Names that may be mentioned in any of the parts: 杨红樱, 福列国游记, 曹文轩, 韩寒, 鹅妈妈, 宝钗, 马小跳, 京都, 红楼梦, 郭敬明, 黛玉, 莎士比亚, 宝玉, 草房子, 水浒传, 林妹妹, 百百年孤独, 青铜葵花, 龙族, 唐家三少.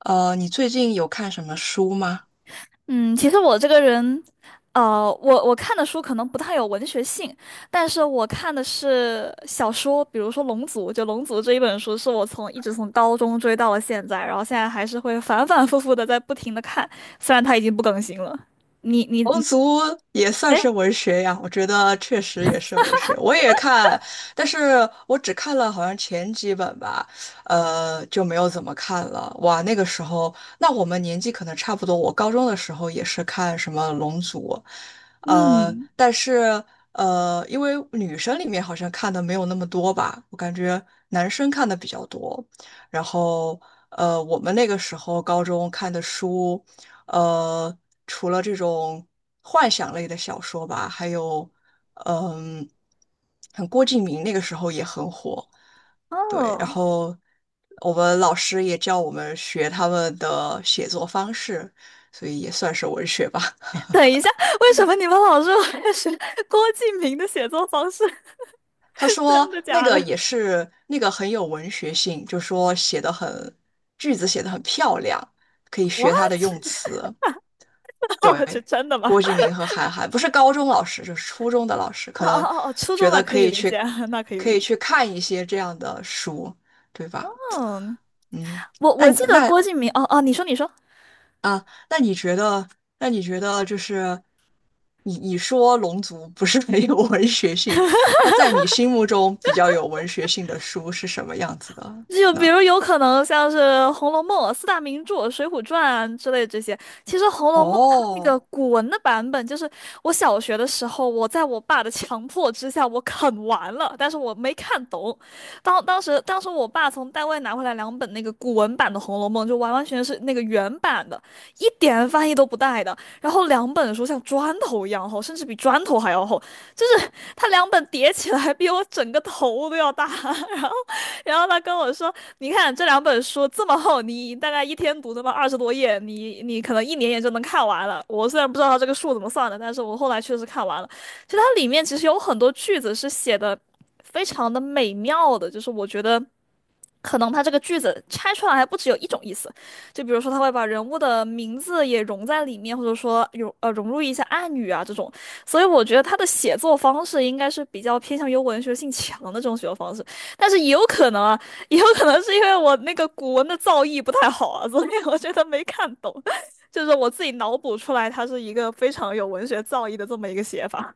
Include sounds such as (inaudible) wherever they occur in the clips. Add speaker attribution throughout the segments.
Speaker 1: 你最近有看什么书吗？
Speaker 2: 嗯，其实我这个人，我看的书可能不太有文学性，但是我看的是小说，比如说《龙族》，就《龙族》这一本书，是我从一直从高中追到了现在，然后现在还是会反反复复的在不停的看，虽然它已经不更新了。你你
Speaker 1: 龙
Speaker 2: 你，
Speaker 1: 族也算是文学呀，我觉得确实也是文学。我也看，但是我只看了好像前几本吧，就没有怎么看了。哇，那个时候，那我们年纪可能差不多。我高中的时候也是看什么龙族，呃，
Speaker 2: 嗯，
Speaker 1: 但是呃，因为女生里面好像看的没有那么多吧，我感觉男生看的比较多。然后，我们那个时候高中看的书。呃，除了这种幻想类的小说吧，还有嗯，像郭敬明那个时候也很火，对，然
Speaker 2: 哦，
Speaker 1: 后我们老师也教我们学他们的写作方式，所以也算是文学吧。
Speaker 2: 等一下，为什么你们老说我也是郭敬明的写作方式？
Speaker 1: (laughs) 他
Speaker 2: (laughs)
Speaker 1: 说
Speaker 2: 真的
Speaker 1: 那
Speaker 2: 假
Speaker 1: 个
Speaker 2: 的？
Speaker 1: 也是那个很有文学性，就说写的很，句子写的很漂亮，可以
Speaker 2: 哇
Speaker 1: 学他的用词。
Speaker 2: 哦，这
Speaker 1: 对，
Speaker 2: 真的吗？
Speaker 1: 郭敬明和韩寒，不是高中老师，就是初中的老师，
Speaker 2: (laughs) 哦
Speaker 1: 可
Speaker 2: 哦
Speaker 1: 能
Speaker 2: 哦，哦初中
Speaker 1: 觉
Speaker 2: 那
Speaker 1: 得
Speaker 2: 可
Speaker 1: 可
Speaker 2: 以
Speaker 1: 以
Speaker 2: 理解，
Speaker 1: 去，
Speaker 2: (laughs) 那可以
Speaker 1: 可
Speaker 2: 理
Speaker 1: 以
Speaker 2: 解。
Speaker 1: 去看一些这样的书，对吧？
Speaker 2: 嗯。
Speaker 1: 嗯，
Speaker 2: 我
Speaker 1: 那
Speaker 2: 我记得
Speaker 1: 那
Speaker 2: 郭敬明，哦哦，你说你说，
Speaker 1: 啊，那你觉得，那你觉得就是你说《龙族》不是没有 (laughs) 文学性，那在你心目中比较有文学性的书是什么样子的
Speaker 2: 就比
Speaker 1: 呢？
Speaker 2: 如有可能像是《红楼梦》四大名著《水浒传》之类这些。其实《红楼梦》它那个
Speaker 1: 哦
Speaker 2: 古文的版本，就是我小学的时候，我在我爸的强迫之下，我啃完了，但是我没看懂。当时我爸从单位拿回来两本那个古文版的《红楼梦》，就完完全全是那个原版的，一点翻译都不带的。然后两本书像砖头一样厚，甚至比砖头还要厚，就是它两本叠起来比我整个头都要大。(laughs) 然后。然后他跟我说："你看这两本书这么厚，你大概一天读他妈二十多页，你可能一年也就能看完了。"我虽然不知道他这个数怎么算的，但是我后来确实看完了。其实它里面其实有很多句子是写的非常的美妙的，就是我觉得。可能他这个句子拆出来还不只有一种意思，就比如说他会把人物的名字也融在里面，或者说有融入一些暗语啊这种，所以我觉得他的写作方式应该是比较偏向于文学性强的这种写作方式。但是也有可能啊，也有可能是因为我那个古文的造诣不太好啊，(laughs) 所以我觉得没看懂，(laughs) 就是我自己脑补出来，它是一个非常有文学造诣的这么一个写法。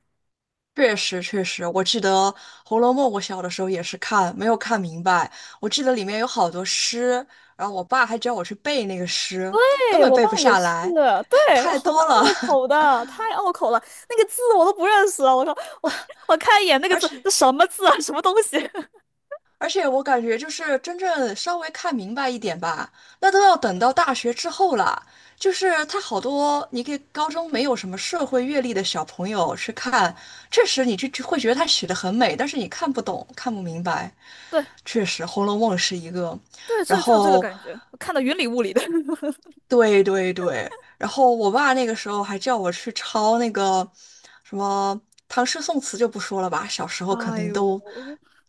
Speaker 1: 确实，确实，我记得《红楼梦》，我小的时候也是看，没有看明白。我记得里面有好多诗，然后我爸还教我去背那个诗，根
Speaker 2: 对，
Speaker 1: 本
Speaker 2: 我
Speaker 1: 背不
Speaker 2: 爸也
Speaker 1: 下
Speaker 2: 是，
Speaker 1: 来，
Speaker 2: 对，
Speaker 1: 太
Speaker 2: 很拗
Speaker 1: 多了。
Speaker 2: 口
Speaker 1: (laughs)
Speaker 2: 的，太拗口了，那个字我都不认识啊！我说 (laughs) 我我看一眼那个
Speaker 1: 而
Speaker 2: 字，
Speaker 1: 且，
Speaker 2: 这什么字啊？什么东西？(laughs)
Speaker 1: 而且我感觉就是真正稍微看明白一点吧，那都要等到大学之后了。就是他好多你给高中没有什么社会阅历的小朋友去看，确实你就会觉得他写的很美，但是你看不懂，看不明白。
Speaker 2: 对
Speaker 1: 确实，《红楼梦》是一个，
Speaker 2: 对，
Speaker 1: 然
Speaker 2: 这就这个
Speaker 1: 后
Speaker 2: 感觉，我看得云里雾里的。(laughs)
Speaker 1: 对对对，然后我爸那个时候还叫我去抄那个什么唐诗宋词就不说了吧，小时候肯
Speaker 2: 哎
Speaker 1: 定
Speaker 2: 呦，
Speaker 1: 都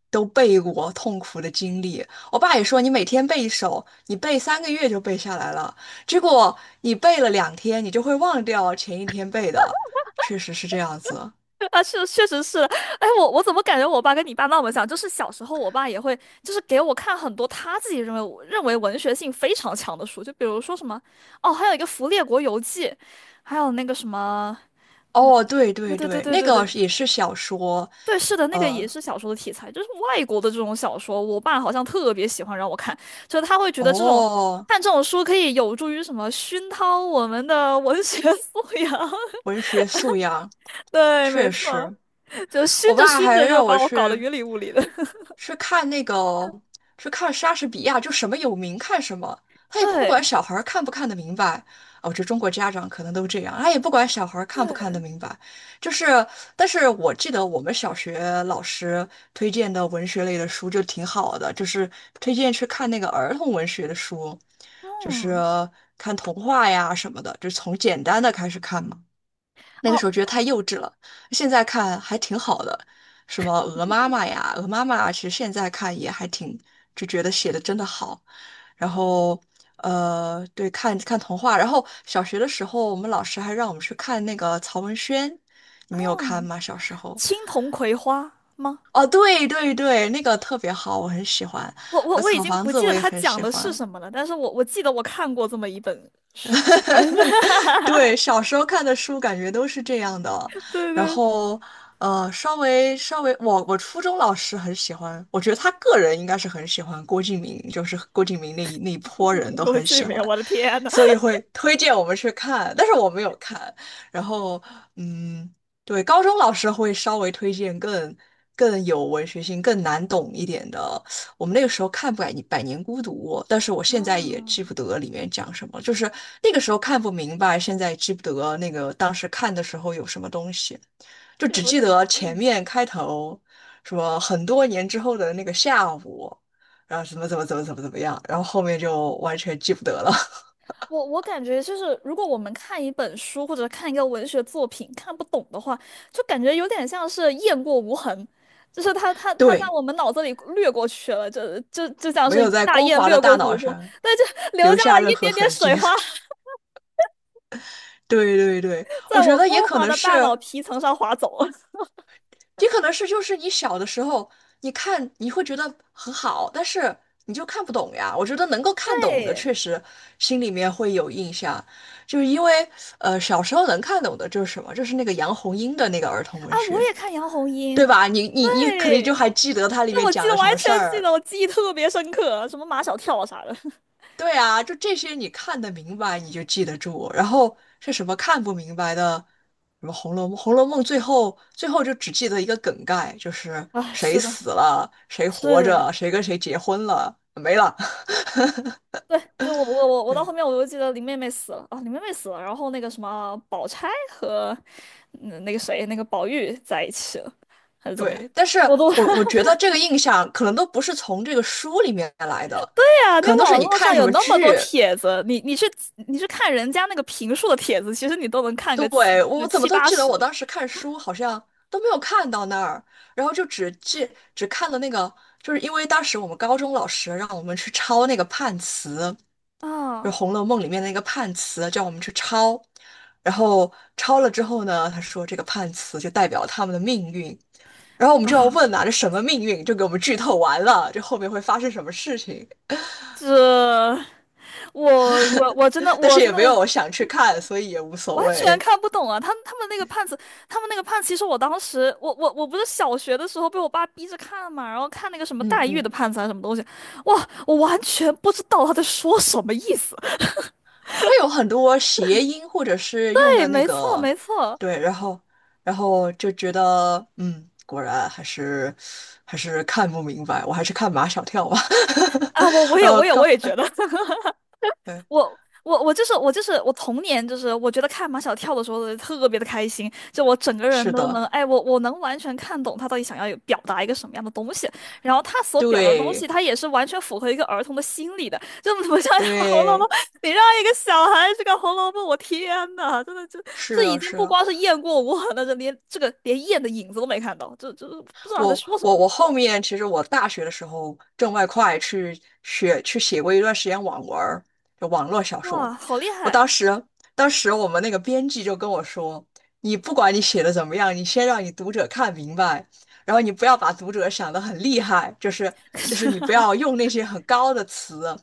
Speaker 1: 都背过痛苦的经历。我爸也说你每天背一首，你背3个月就背下来了，结果你背了2天，你就会忘掉前1天背的，确实是这样子。
Speaker 2: 啊，是，确实是。哎，我怎么感觉我爸跟你爸那么像？就是小时候，我爸也会，就是给我看很多他自己认为文学性非常强的书，就比如说什么，哦，还有一个《福列国游记》，还有那个什么，
Speaker 1: 哦，对
Speaker 2: 对
Speaker 1: 对
Speaker 2: 对对
Speaker 1: 对，
Speaker 2: 对
Speaker 1: 那
Speaker 2: 对
Speaker 1: 个
Speaker 2: 对，
Speaker 1: 也是小说，
Speaker 2: 对，是的，那个也
Speaker 1: 呃，
Speaker 2: 是小说的题材，就是外国的这种小说，我爸好像特别喜欢让我看，就是他会觉得这种
Speaker 1: 哦，
Speaker 2: 看这种书可以有助于什么熏陶我们的文学素养。(laughs)
Speaker 1: 文学素养
Speaker 2: 对，没
Speaker 1: 确
Speaker 2: 错，
Speaker 1: 实。
Speaker 2: 就熏
Speaker 1: 我
Speaker 2: 着
Speaker 1: 爸
Speaker 2: 熏
Speaker 1: 还
Speaker 2: 着就
Speaker 1: 让我
Speaker 2: 把我搞得
Speaker 1: 去
Speaker 2: 云里雾里的。
Speaker 1: 去看那个去看莎士比亚，就什么有名看什么，他也不
Speaker 2: 对
Speaker 1: 管小孩儿看不看得明白。哦，这中国家长可能都这样，他也不管小孩儿看不看得
Speaker 2: 对，
Speaker 1: 明白。就是，但是我记得我们小学老师推荐的文学类的书就挺好的，就是推荐去看那个儿童文学的书，就是
Speaker 2: 嗯，
Speaker 1: 看童话呀什么的，就从简单的开始看嘛。那个
Speaker 2: 哦，
Speaker 1: 时候觉得太幼稚了，现在看还挺好的，什么鹅妈妈呀，鹅妈妈其实现在看也还挺，就觉得写的真的好。然后，对，看看童话。然后小学的时候，我们老师还让我们去看那个曹文轩，你们有看吗？小时候？
Speaker 2: 青铜葵花吗？
Speaker 1: 哦，对对对，那个特别好，我很喜欢。
Speaker 2: 我我
Speaker 1: 还有
Speaker 2: 我已
Speaker 1: 草
Speaker 2: 经
Speaker 1: 房
Speaker 2: 不
Speaker 1: 子，
Speaker 2: 记
Speaker 1: 我
Speaker 2: 得
Speaker 1: 也
Speaker 2: 它
Speaker 1: 很
Speaker 2: 讲
Speaker 1: 喜
Speaker 2: 的是
Speaker 1: 欢。
Speaker 2: 什么了，但是我记得我看过这么一本书，(laughs) 哎，
Speaker 1: (laughs) 对，小时候看的书感觉都是这样的，
Speaker 2: 对对
Speaker 1: 然
Speaker 2: 对，
Speaker 1: 后稍微稍微，我初中老师很喜欢，我觉得他个人应该是很喜欢郭敬明，就是郭敬明那一波人
Speaker 2: (laughs)
Speaker 1: 都
Speaker 2: 国
Speaker 1: 很
Speaker 2: 际
Speaker 1: 喜欢，
Speaker 2: 名，我的天呐，
Speaker 1: 所以会推荐我们去看，但是我没有看。然后，嗯，对，高中老师会稍微推荐更更有文学性、更难懂一点的。我们那个时候看《百年孤独》，但是我现在也记
Speaker 2: 啊，
Speaker 1: 不得里面讲什么，就是那个时候看不明白，现在记不得那个当时看的时候有什么东西，就
Speaker 2: 就
Speaker 1: 只
Speaker 2: 有
Speaker 1: 记
Speaker 2: 点，
Speaker 1: 得前
Speaker 2: 嗯。
Speaker 1: 面开头，什么很多年之后的那个下午，然后什么怎么怎么怎么怎么样，然后后面就完全记不得了。(laughs)
Speaker 2: 我感觉就是，如果我们看一本书或者看一个文学作品看不懂的话，就感觉有点像是雁过无痕，就是它在
Speaker 1: 对，
Speaker 2: 我们脑子里掠过去了，就像
Speaker 1: 没
Speaker 2: 是
Speaker 1: 有在
Speaker 2: 大
Speaker 1: 光
Speaker 2: 雁
Speaker 1: 滑的
Speaker 2: 掠
Speaker 1: 大
Speaker 2: 过
Speaker 1: 脑
Speaker 2: 湖泊，
Speaker 1: 上
Speaker 2: 但就留
Speaker 1: 留
Speaker 2: 下
Speaker 1: 下
Speaker 2: 了
Speaker 1: 任
Speaker 2: 一
Speaker 1: 何
Speaker 2: 点点
Speaker 1: 痕迹。
Speaker 2: 水花，
Speaker 1: (laughs)
Speaker 2: (laughs)
Speaker 1: 对对对，
Speaker 2: 在
Speaker 1: 我觉
Speaker 2: 我
Speaker 1: 得也
Speaker 2: 光
Speaker 1: 可
Speaker 2: 滑
Speaker 1: 能
Speaker 2: 的
Speaker 1: 是，
Speaker 2: 大脑皮层上划走。(laughs)
Speaker 1: 也可能是，就是你小的时候，你看你会觉得很好，但是你就看不懂呀。我觉得能够看懂的，
Speaker 2: 对，
Speaker 1: 确实心里面会有印象，就是因为小时候能看懂的就是什么，就是那个杨红樱的那个儿童
Speaker 2: 啊，
Speaker 1: 文
Speaker 2: 我
Speaker 1: 学，
Speaker 2: 也看杨红樱，
Speaker 1: 对吧？你肯定就
Speaker 2: 对，
Speaker 1: 还记得它里
Speaker 2: 那
Speaker 1: 面
Speaker 2: 我记
Speaker 1: 讲
Speaker 2: 得
Speaker 1: 的什
Speaker 2: 完
Speaker 1: 么事
Speaker 2: 全记
Speaker 1: 儿，
Speaker 2: 得，我记忆特别深刻，什么马小跳啥的。(laughs)
Speaker 1: 对啊，就这些你看得明白，你就记得住。然后是什么看不明白的，什么《红楼梦》，《红楼梦》最后最后就只记得一个梗概，就是
Speaker 2: 哎，
Speaker 1: 谁
Speaker 2: 是的，
Speaker 1: 死了，谁
Speaker 2: 是
Speaker 1: 活
Speaker 2: 的。
Speaker 1: 着，谁跟谁结婚了，没了。(laughs)
Speaker 2: 对，就我到
Speaker 1: 对
Speaker 2: 后面我就记得林妹妹死了啊，林妹妹死了，然后那个什么宝钗和嗯那个谁那个宝玉在一起了，还是怎么样？
Speaker 1: 对，但是
Speaker 2: 我都 (laughs)
Speaker 1: 我
Speaker 2: 对
Speaker 1: 我觉得这个印象可能都不是从这个书里面来的，
Speaker 2: 啊，你
Speaker 1: 可能都是
Speaker 2: 网
Speaker 1: 你
Speaker 2: 络
Speaker 1: 看
Speaker 2: 上
Speaker 1: 什
Speaker 2: 有
Speaker 1: 么
Speaker 2: 那么多
Speaker 1: 剧，
Speaker 2: 帖子，你去你去看人家那个评述的帖子，其实你都能看个七
Speaker 1: 对，
Speaker 2: 就
Speaker 1: 我怎么
Speaker 2: 七
Speaker 1: 都
Speaker 2: 八
Speaker 1: 记得
Speaker 2: 十
Speaker 1: 我当时看书好像都没有看到那儿，然后就只记只看了那个，就是因为当时我们高中老师让我们去抄那个判词，就是
Speaker 2: 啊。
Speaker 1: 红楼梦》里面的那个判词，叫我们去抄。然后抄了之后呢，他说这个判词就代表他们的命运，然后我们就要问啊，这什么命运？就给我们剧透完了，这后面会发生什么事情？
Speaker 2: 这我真的
Speaker 1: (laughs) 但
Speaker 2: 我
Speaker 1: 是
Speaker 2: 真
Speaker 1: 也
Speaker 2: 的
Speaker 1: 没有想去看，所以也无所
Speaker 2: 完全
Speaker 1: 谓。
Speaker 2: 看不懂啊！他们那个判词，他们那个判词，其实我当时，我不是小学的时候被我爸逼着看嘛，然后看那个什么
Speaker 1: 嗯
Speaker 2: 黛玉
Speaker 1: 嗯。
Speaker 2: 的判词还是什么东西，哇，我完全不知道他在说什么意思。
Speaker 1: 它有很多谐音或者是用
Speaker 2: 对，
Speaker 1: 的那
Speaker 2: 没错
Speaker 1: 个，
Speaker 2: 没错
Speaker 1: 对，然后然后就觉得，嗯，果然还是还是看不明白，我还是看马小跳吧。
Speaker 2: 啊，我
Speaker 1: (laughs)
Speaker 2: 也
Speaker 1: 然后
Speaker 2: 我也我
Speaker 1: 刚，
Speaker 2: 也觉得。
Speaker 1: 对，
Speaker 2: 我就是我就是我童年就是我觉得看马小跳的时候特别的开心，就我整个人
Speaker 1: 是
Speaker 2: 都能
Speaker 1: 的，
Speaker 2: 哎我能完全看懂他到底想要有表达一个什么样的东西，然后他所表达的东西，
Speaker 1: 对
Speaker 2: 他也是完全符合一个儿童的心理的，就不像《<laughs> 红楼梦》，
Speaker 1: 对，
Speaker 2: 你让一个小孩去看《红楼梦》，我天呐，真的就
Speaker 1: 是
Speaker 2: 这已
Speaker 1: 的，
Speaker 2: 经
Speaker 1: 是
Speaker 2: 不
Speaker 1: 的。
Speaker 2: 光是雁过无痕了，这连这个连雁的影子都没看到，这这不知道在
Speaker 1: 我
Speaker 2: 说什
Speaker 1: 我
Speaker 2: 么，
Speaker 1: 我后面其实我大学的时候挣外快去学去写过一段时间网文儿，就网络小说。
Speaker 2: 哇，好厉
Speaker 1: 我
Speaker 2: 害！
Speaker 1: 当时当时我们那个编辑就跟我说，你不管你写的怎么样，你先让你读者看明白，然后你不要把读者想得很厉害，就是就是你不
Speaker 2: (laughs)
Speaker 1: 要用那些很高的词，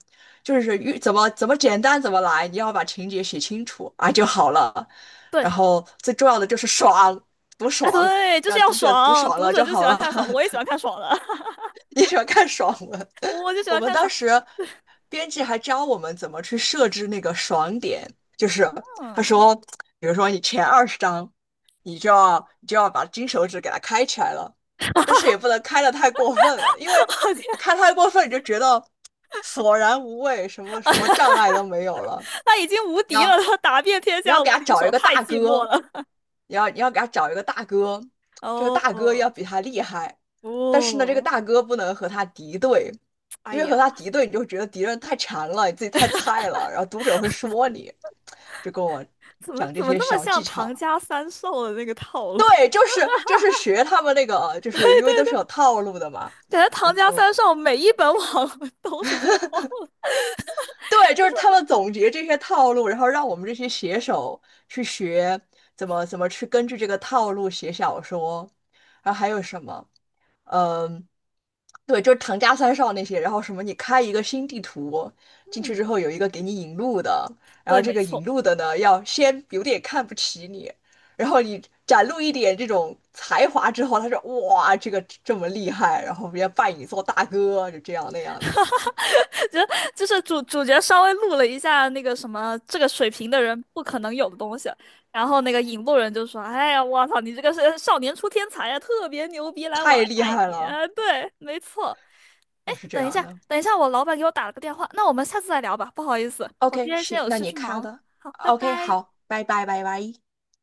Speaker 1: 就是越怎么怎么简单怎么来，你要把情节写清楚啊就好了。
Speaker 2: 对，
Speaker 1: 然后最重要的就是爽，多
Speaker 2: (laughs) 啊，
Speaker 1: 爽。
Speaker 2: 对，就是
Speaker 1: 让
Speaker 2: 要
Speaker 1: 读者读
Speaker 2: 爽，
Speaker 1: 爽
Speaker 2: 读
Speaker 1: 了
Speaker 2: 者
Speaker 1: 就
Speaker 2: 就喜
Speaker 1: 好
Speaker 2: 欢
Speaker 1: 了，
Speaker 2: 看爽的，我也喜欢看爽的，
Speaker 1: (laughs) 你喜欢看爽文。
Speaker 2: 我就
Speaker 1: (laughs)
Speaker 2: 喜
Speaker 1: 我
Speaker 2: 欢
Speaker 1: 们
Speaker 2: 看
Speaker 1: 当
Speaker 2: 爽。
Speaker 1: 时编辑还教我们怎么去设置那个爽点，就是他
Speaker 2: 嗯，
Speaker 1: 说，比如说你前20章，你就要把金手指给它开起来了，但是也不能开的太过分了，因为你
Speaker 2: (laughs)
Speaker 1: 开太过分，你就觉得索然无味，什么什么障碍都没有了。
Speaker 2: 他已经无
Speaker 1: 你
Speaker 2: 敌了，
Speaker 1: 要
Speaker 2: 他打遍天
Speaker 1: 你要
Speaker 2: 下无
Speaker 1: 给他
Speaker 2: 敌
Speaker 1: 找
Speaker 2: 手，
Speaker 1: 一个
Speaker 2: 太
Speaker 1: 大
Speaker 2: 寂寞
Speaker 1: 哥，
Speaker 2: 了。
Speaker 1: 你要给他找一个大哥，这个大哥
Speaker 2: 哦
Speaker 1: 要比他厉害，但是呢，这个
Speaker 2: 哦，
Speaker 1: 大哥不能和他敌对，
Speaker 2: 哎
Speaker 1: 因为和
Speaker 2: 呀，
Speaker 1: 他敌对，你就觉得敌人太馋了，你自己太菜了，然后读者会说你，就跟我
Speaker 2: 怎么
Speaker 1: 讲这
Speaker 2: 怎么
Speaker 1: 些
Speaker 2: 那么
Speaker 1: 小
Speaker 2: 像
Speaker 1: 技
Speaker 2: 唐
Speaker 1: 巧。
Speaker 2: 家三少的那个套路？(laughs)
Speaker 1: 对，就是就是学他们那个，就是因为都是有套路的嘛。
Speaker 2: 感觉唐
Speaker 1: 然
Speaker 2: 家
Speaker 1: 后。
Speaker 2: 三少每一本网 (laughs) 文都是这个套路。
Speaker 1: 对，就是他们总结这些套路，然后让我们这些写手去学怎么怎么去根据这个套路写小说，然后还有什么，嗯，对，就是唐家三少那些，然后什么你开一个新地图进去之
Speaker 2: 嗯，
Speaker 1: 后有一个给你引路的，然后
Speaker 2: 对，
Speaker 1: 这
Speaker 2: 没
Speaker 1: 个
Speaker 2: 错。
Speaker 1: 引路的呢要先有点看不起你，然后你展露一点这种才华之后，他说哇这个这么厉害，然后别人家拜你做大哥，就这样那样的，
Speaker 2: 就就是主角稍微录了一下那个什么这个水平的人不可能有的东西，然后那个引路人就说："哎呀，我操，你这个是少年出天才呀，特别牛逼，来，我来
Speaker 1: 太厉
Speaker 2: 带
Speaker 1: 害
Speaker 2: 你。"
Speaker 1: 了，
Speaker 2: 啊，对，没错。
Speaker 1: 就是这
Speaker 2: 等一
Speaker 1: 样
Speaker 2: 下，
Speaker 1: 的。
Speaker 2: 等一下，我老板给我打了个电话，那我们下次再聊吧，不好意思，我今
Speaker 1: OK,
Speaker 2: 天先
Speaker 1: 行，
Speaker 2: 有
Speaker 1: 那
Speaker 2: 事
Speaker 1: 你
Speaker 2: 去
Speaker 1: 卡
Speaker 2: 忙了。
Speaker 1: 的。
Speaker 2: 好，拜
Speaker 1: OK,
Speaker 2: 拜。
Speaker 1: 好，拜拜，拜拜。